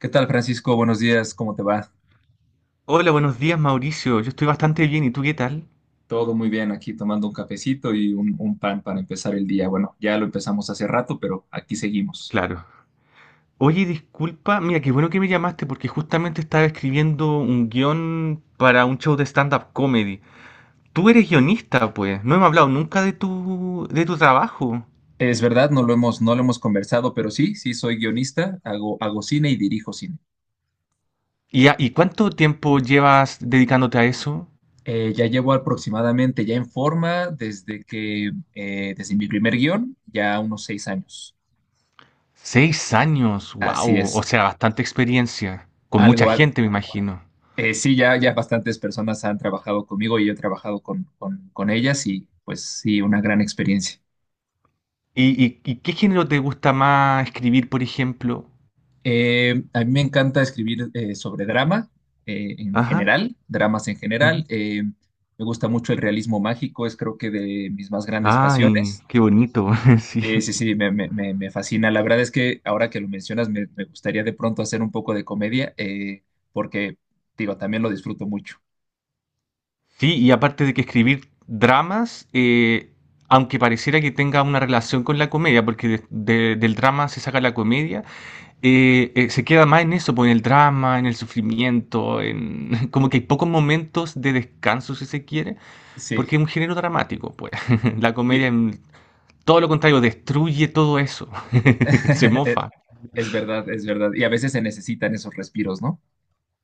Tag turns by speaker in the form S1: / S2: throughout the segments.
S1: ¿Qué tal, Francisco? Buenos días, ¿cómo te va?
S2: Hola, buenos días, Mauricio. Yo estoy bastante bien, ¿y tú qué tal?
S1: Todo muy bien aquí, tomando un cafecito y un pan para empezar el día. Bueno, ya lo empezamos hace rato, pero aquí seguimos.
S2: Claro. Oye, disculpa, mira, qué bueno que me llamaste porque justamente estaba escribiendo un guión para un show de stand-up comedy. Tú eres guionista, pues. No hemos hablado nunca de de tu trabajo.
S1: Es verdad, no lo hemos conversado, pero sí, sí soy guionista, hago cine y dirijo cine.
S2: ¿Y, y cuánto tiempo llevas dedicándote a eso?
S1: Ya llevo aproximadamente, ya en forma, desde mi primer guión, ya unos 6 años.
S2: Seis años,
S1: Así
S2: wow. O
S1: es,
S2: sea, bastante experiencia. Con mucha
S1: algo, al-
S2: gente, me imagino.
S1: sí, ya bastantes personas han trabajado conmigo y yo he trabajado con ellas y pues sí, una gran experiencia.
S2: ¿Y, y qué género te gusta más escribir, por ejemplo?
S1: A mí me encanta escribir sobre drama en
S2: Ajá.
S1: general, dramas en general. Me gusta mucho el realismo mágico, es creo que de mis más grandes
S2: Ay,
S1: pasiones.
S2: qué bonito, sí.
S1: Sí, sí, me fascina. La verdad es que ahora que lo mencionas, me gustaría de pronto hacer un poco de comedia, porque, digo, también lo disfruto mucho.
S2: Sí, y aparte de que escribir dramas, aunque pareciera que tenga una relación con la comedia, porque del drama se saca la comedia, se queda más en eso, pues, en el drama, en el sufrimiento, en como que hay pocos momentos de descanso, si se quiere,
S1: Sí,
S2: porque es un género dramático, pues. La comedia,
S1: y-
S2: en todo lo contrario, destruye todo eso, se mofa.
S1: es verdad, es verdad. Y a veces se necesitan esos respiros, ¿no?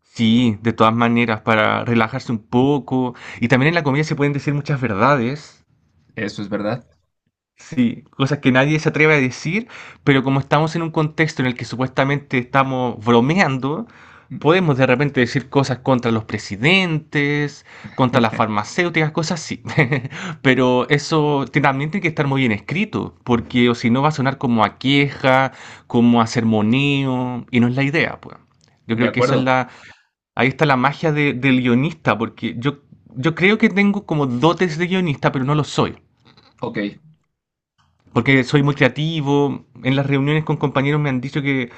S2: Sí, de todas maneras, para relajarse un poco. Y también en la comida se pueden decir muchas verdades.
S1: Eso es verdad.
S2: Sí, cosas que nadie se atreve a decir, pero como estamos en un contexto en el que supuestamente estamos bromeando, podemos de repente decir cosas contra los presidentes, contra las farmacéuticas, cosas así. Pero también tiene que estar muy bien escrito, porque o si no va a sonar como a queja, como a sermoneo, y no es la idea, pues. Yo
S1: De
S2: creo que eso es
S1: acuerdo.
S2: la, ahí está la magia del guionista, porque yo creo que tengo como dotes de guionista, pero no lo soy.
S1: Ok.
S2: Porque soy muy creativo, en las reuniones con compañeros me han dicho que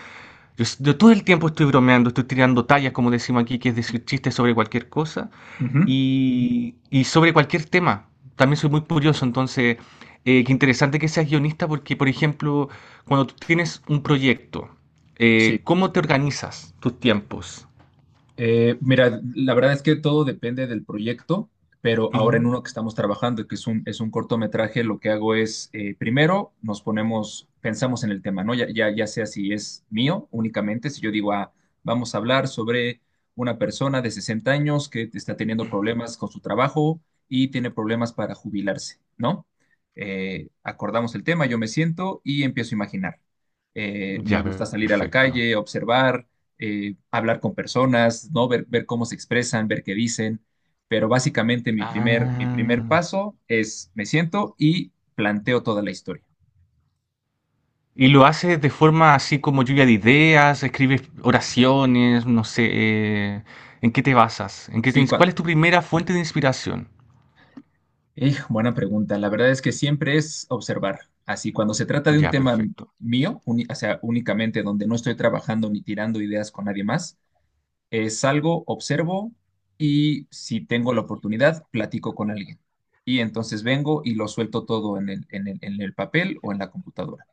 S2: yo todo el tiempo estoy bromeando, estoy tirando tallas, como decimos aquí, que es decir chistes sobre cualquier cosa
S1: Ujú.
S2: y sobre cualquier tema. También soy muy curioso, entonces, qué interesante que seas guionista porque, por ejemplo, cuando tú tienes un proyecto,
S1: Sí.
S2: ¿cómo te organizas tus tiempos?
S1: Mira, la verdad es que todo depende del proyecto, pero ahora en
S2: Ujú.
S1: uno que estamos trabajando, que es es un cortometraje, lo que hago es, primero nos ponemos, pensamos en el tema, ¿no? Ya sea si es mío únicamente, si yo digo, ah, vamos a hablar sobre una persona de 60 años que está teniendo problemas con su trabajo y tiene problemas para jubilarse, ¿no? Acordamos el tema, yo me siento y empiezo a imaginar. Me
S2: Ya,
S1: gusta salir a la
S2: perfecto.
S1: calle, observar hablar con personas, ¿no? Ver cómo se expresan, ver qué dicen. Pero básicamente mi primer
S2: Ah.
S1: paso es me siento y planteo toda la historia.
S2: Y lo hace de forma así como lluvia de ideas, escribes oraciones, no sé, ¿en qué te basas? ¿En qué te
S1: Sí,
S2: ins-
S1: cua-
S2: ¿Cuál es tu primera fuente de inspiración?
S1: buena pregunta. La verdad es que siempre es observar. Así, cuando se trata de un
S2: Ya,
S1: tema
S2: perfecto.
S1: mío, o sea, únicamente donde no estoy trabajando ni tirando ideas con nadie más, salgo, observo y si tengo la oportunidad, platico con alguien. Y entonces vengo y lo suelto todo en el papel o en la computadora.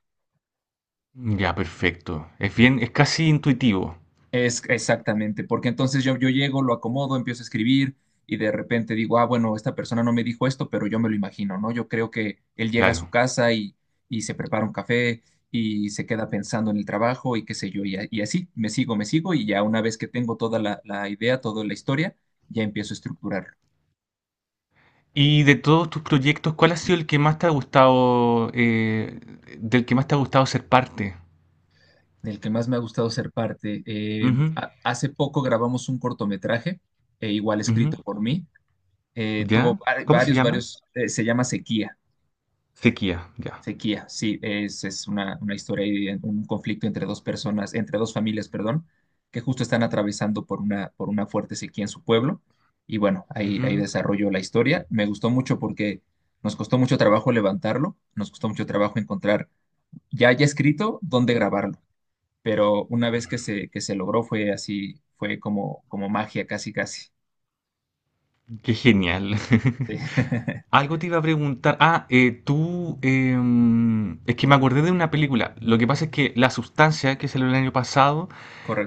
S2: Ya, perfecto. Es bien, es casi intuitivo,
S1: Es exactamente, porque entonces yo llego, lo acomodo, empiezo a escribir y de repente digo, ah, bueno, esta persona no me dijo esto, pero yo me lo imagino, ¿no? Yo creo que él llega a su
S2: claro.
S1: casa y se prepara un café y se queda pensando en el trabajo y qué sé yo, y así me sigo y ya una vez que tengo toda la idea, toda la historia, ya empiezo a estructurarlo.
S2: Y de todos tus proyectos, ¿cuál ha sido el que más te ha gustado, del que más te ha gustado ser parte?
S1: Del que más me ha gustado ser parte,
S2: Ujú,
S1: hace poco grabamos un cortometraje, igual
S2: ujú.
S1: escrito por mí,
S2: ¿Ya? ¿Cómo se llama?
S1: varios, se llama Sequía.
S2: Sequía, ya.
S1: Sequía, sí, es una historia y un conflicto entre dos personas, entre dos familias, perdón, que justo están atravesando por una fuerte sequía en su pueblo. Y bueno, ahí, ahí
S2: Ujú.
S1: desarrolló la historia. Me gustó mucho porque nos costó mucho trabajo levantarlo, nos costó mucho trabajo encontrar ya ya escrito dónde grabarlo, pero una vez que que se logró fue así, fue como, como magia, casi, casi.
S2: Qué genial.
S1: Sí.
S2: Algo te iba a preguntar. Ah, es que me acordé de una película. Lo que pasa es que La Sustancia, que salió el año pasado,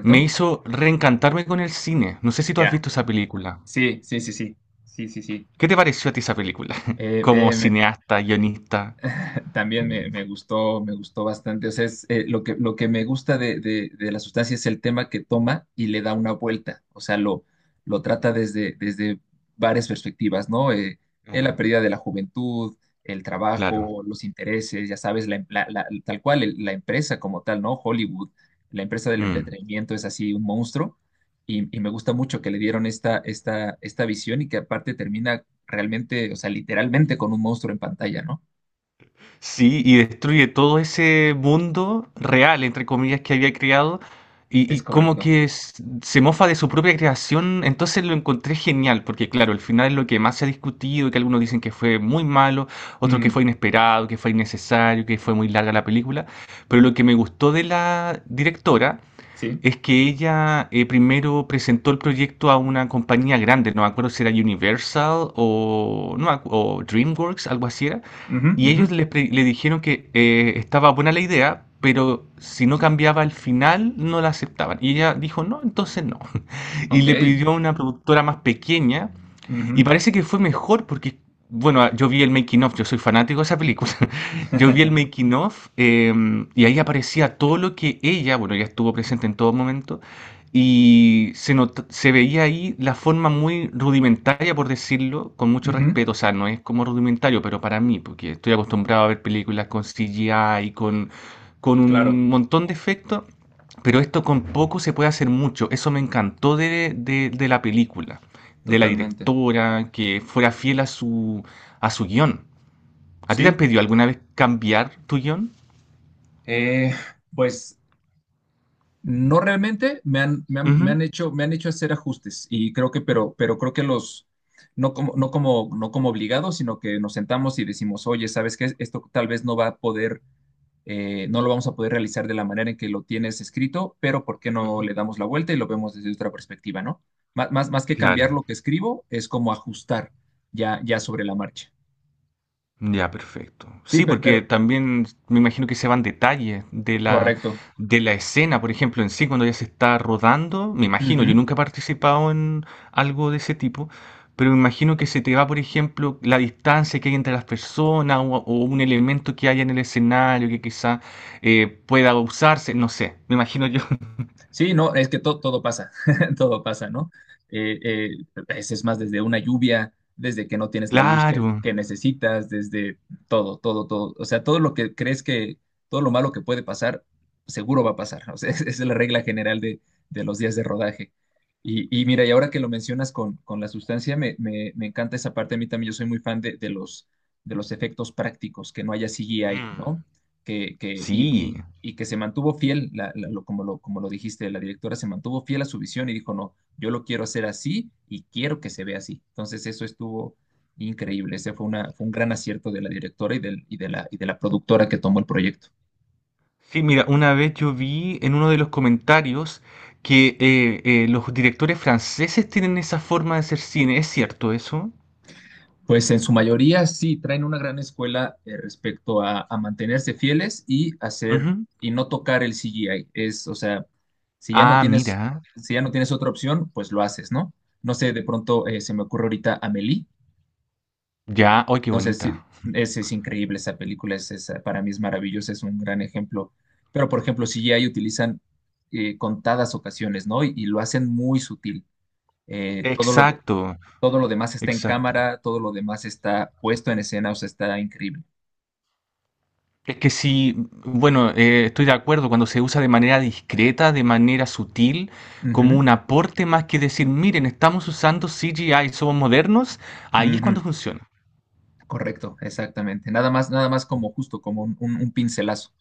S2: me hizo reencantarme con el cine. No sé si tú has
S1: Ya.
S2: visto esa película.
S1: Sí, sí, sí, sí. Sí, sí, sí.
S2: ¿Qué te pareció a ti esa película?
S1: Eh,
S2: Como
S1: eh,
S2: cineasta, guionista.
S1: también me gustó bastante. O sea, es, lo que me gusta de la sustancia es el tema que toma y le da una vuelta. O sea, lo trata desde, desde varias perspectivas, ¿no? La
S2: Ah,
S1: pérdida de la juventud, el
S2: claro.
S1: trabajo, los intereses, ya sabes, la, em- la- la- tal cual, la empresa como tal, ¿no? Hollywood, la empresa del
S2: Mm.
S1: entretenimiento es así un monstruo. Y me gusta mucho que le dieron esta visión y que aparte termina realmente, o sea, literalmente con un monstruo en pantalla, ¿no?
S2: Sí, y destruye todo ese mundo real, entre comillas, que había creado,
S1: Es
S2: y como
S1: correcto.
S2: que se mofa de su propia creación, entonces lo encontré genial, porque claro, el final es lo que más se ha discutido, que algunos dicen que fue muy malo, otros que
S1: Mm,
S2: fue inesperado, que fue innecesario, que fue muy larga la película, pero lo que me gustó de la directora
S1: sí.
S2: es que ella primero presentó el proyecto a una compañía grande, no me acuerdo si era Universal o, no, o DreamWorks, algo así era,
S1: Ujú,
S2: y
S1: ujú.
S2: ellos le dijeron que estaba buena la idea, pero si no cambiaba el final no la aceptaban. Y ella dijo, no, entonces no. Y le
S1: Ok.
S2: pidió a una productora más pequeña y
S1: Ujú.
S2: parece que fue mejor porque, bueno, yo vi el making of, yo soy fanático de esa película. Yo vi el making of y ahí aparecía todo lo que ella, bueno, ella estuvo presente en todo momento y se veía ahí la forma muy rudimentaria, por decirlo, con mucho
S1: Ujú,
S2: respeto. O sea, no es como rudimentario, pero para mí, porque estoy acostumbrado a ver películas con CGI con
S1: claro,
S2: un montón de efectos, pero esto con poco se puede hacer mucho. Eso me encantó de de la película de la
S1: totalmente.
S2: directora, que fuera fiel a su guión. ¿A ti te han
S1: Sí.
S2: pedido alguna vez cambiar tu guión?
S1: Eh, pues no realmente
S2: Ujú,
S1: me han hecho hacer ajustes y creo que, pero creo que los, no como obligados, sino que nos sentamos y decimos, oye, ¿sabes qué? Esto tal vez no va a poder no lo vamos a poder realizar de la manera en que lo tienes escrito, pero ¿por qué no
S2: ujú.
S1: le damos la vuelta y lo vemos desde otra perspectiva, ¿no? Más que cambiar
S2: Claro,
S1: lo que escribo, es como ajustar ya, ya sobre la marcha.
S2: ya, perfecto.
S1: Sí,
S2: Sí, porque
S1: pero
S2: también me imagino que se van detalles
S1: correcto.
S2: de la escena, por ejemplo, en sí, cuando ya se está rodando, me imagino, yo
S1: Ujú.
S2: nunca he participado en algo de ese tipo, pero me imagino que se te va, por ejemplo, la distancia que hay entre las personas o un elemento que haya en el escenario que quizá pueda usarse, no sé, me imagino yo.
S1: Sí, no, es que todo pasa, todo pasa, ¿no? Eh, eh, es más, desde una lluvia, desde que no tienes la luz
S2: Claro,
S1: que necesitas, desde todo, todo, todo. O sea, todo lo que crees que, todo lo malo que puede pasar, seguro va a pasar. O sea, esa es la regla general de los días de rodaje. Y mira, y ahora que lo mencionas con la sustancia, me encanta esa parte. A mí también yo soy muy fan de los efectos prácticos, que no haya CGI, ¿no?
S2: sí.
S1: Y que se mantuvo fiel, como lo dijiste, la directora se mantuvo fiel a su visión y dijo, no, yo lo quiero hacer así y quiero que se vea así. Entonces eso estuvo increíble, fue un gran acierto de la directora y de la productora que tomó el proyecto.
S2: Sí, mira, una vez yo vi en uno de los comentarios que los directores franceses tienen esa forma de hacer cine. ¿Es cierto eso?
S1: Pues en su mayoría sí traen una gran escuela respecto a mantenerse fieles y hacer
S2: Ujú.
S1: y no tocar el CGI. Es, o sea, si ya no
S2: Ah,
S1: tienes,
S2: mira.
S1: si ya no tienes otra opción, pues lo haces, ¿no? No sé, de pronto se me ocurre ahorita Amélie.
S2: Ya, ¡ay, qué
S1: No sé si
S2: bonita!
S1: es, es- increíble esa película, es, para mí es maravillosa, es un gran ejemplo. Pero, por ejemplo, CGI utilizan contadas ocasiones, ¿no? Y lo hacen muy sutil. Eh, todo lo de-
S2: Exacto,
S1: todo lo demás está en
S2: exacto.
S1: cámara, todo lo demás está puesto en escena, o sea, está increíble.
S2: Es que sí, bueno, estoy de acuerdo cuando se usa de manera discreta, de manera sutil, como
S1: Ujú,
S2: un aporte más que decir, miren, estamos usando CGI, somos modernos, ahí es cuando
S1: ujú,
S2: funciona.
S1: Correcto, exactamente. Nada más como justo, como un pincelazo.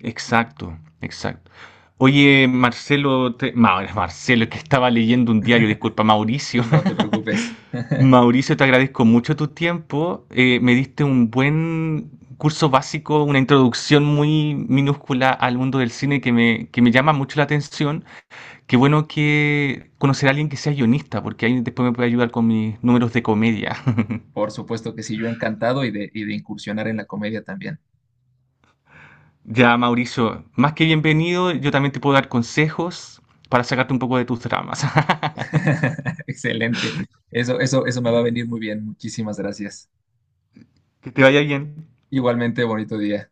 S2: Exacto, exacto. Oye, Marcelo, Marcelo, es que estaba leyendo un diario, disculpa, Mauricio.
S1: No te preocupes.
S2: Mauricio, te agradezco mucho tu tiempo. Me diste un buen curso básico, una introducción muy minúscula al mundo del cine que me llama mucho la atención. Qué bueno que conocer a alguien que sea guionista, porque ahí después me puede ayudar con mis números de comedia.
S1: Por supuesto que sí, yo encantado y de incursionar en la comedia también.
S2: Ya, Mauricio, más que bienvenido, yo también te puedo dar consejos para sacarte un poco de tus dramas.
S1: Excelente. Eso me va a venir muy bien. Muchísimas gracias.
S2: Que te vaya bien.
S1: Igualmente, bonito día.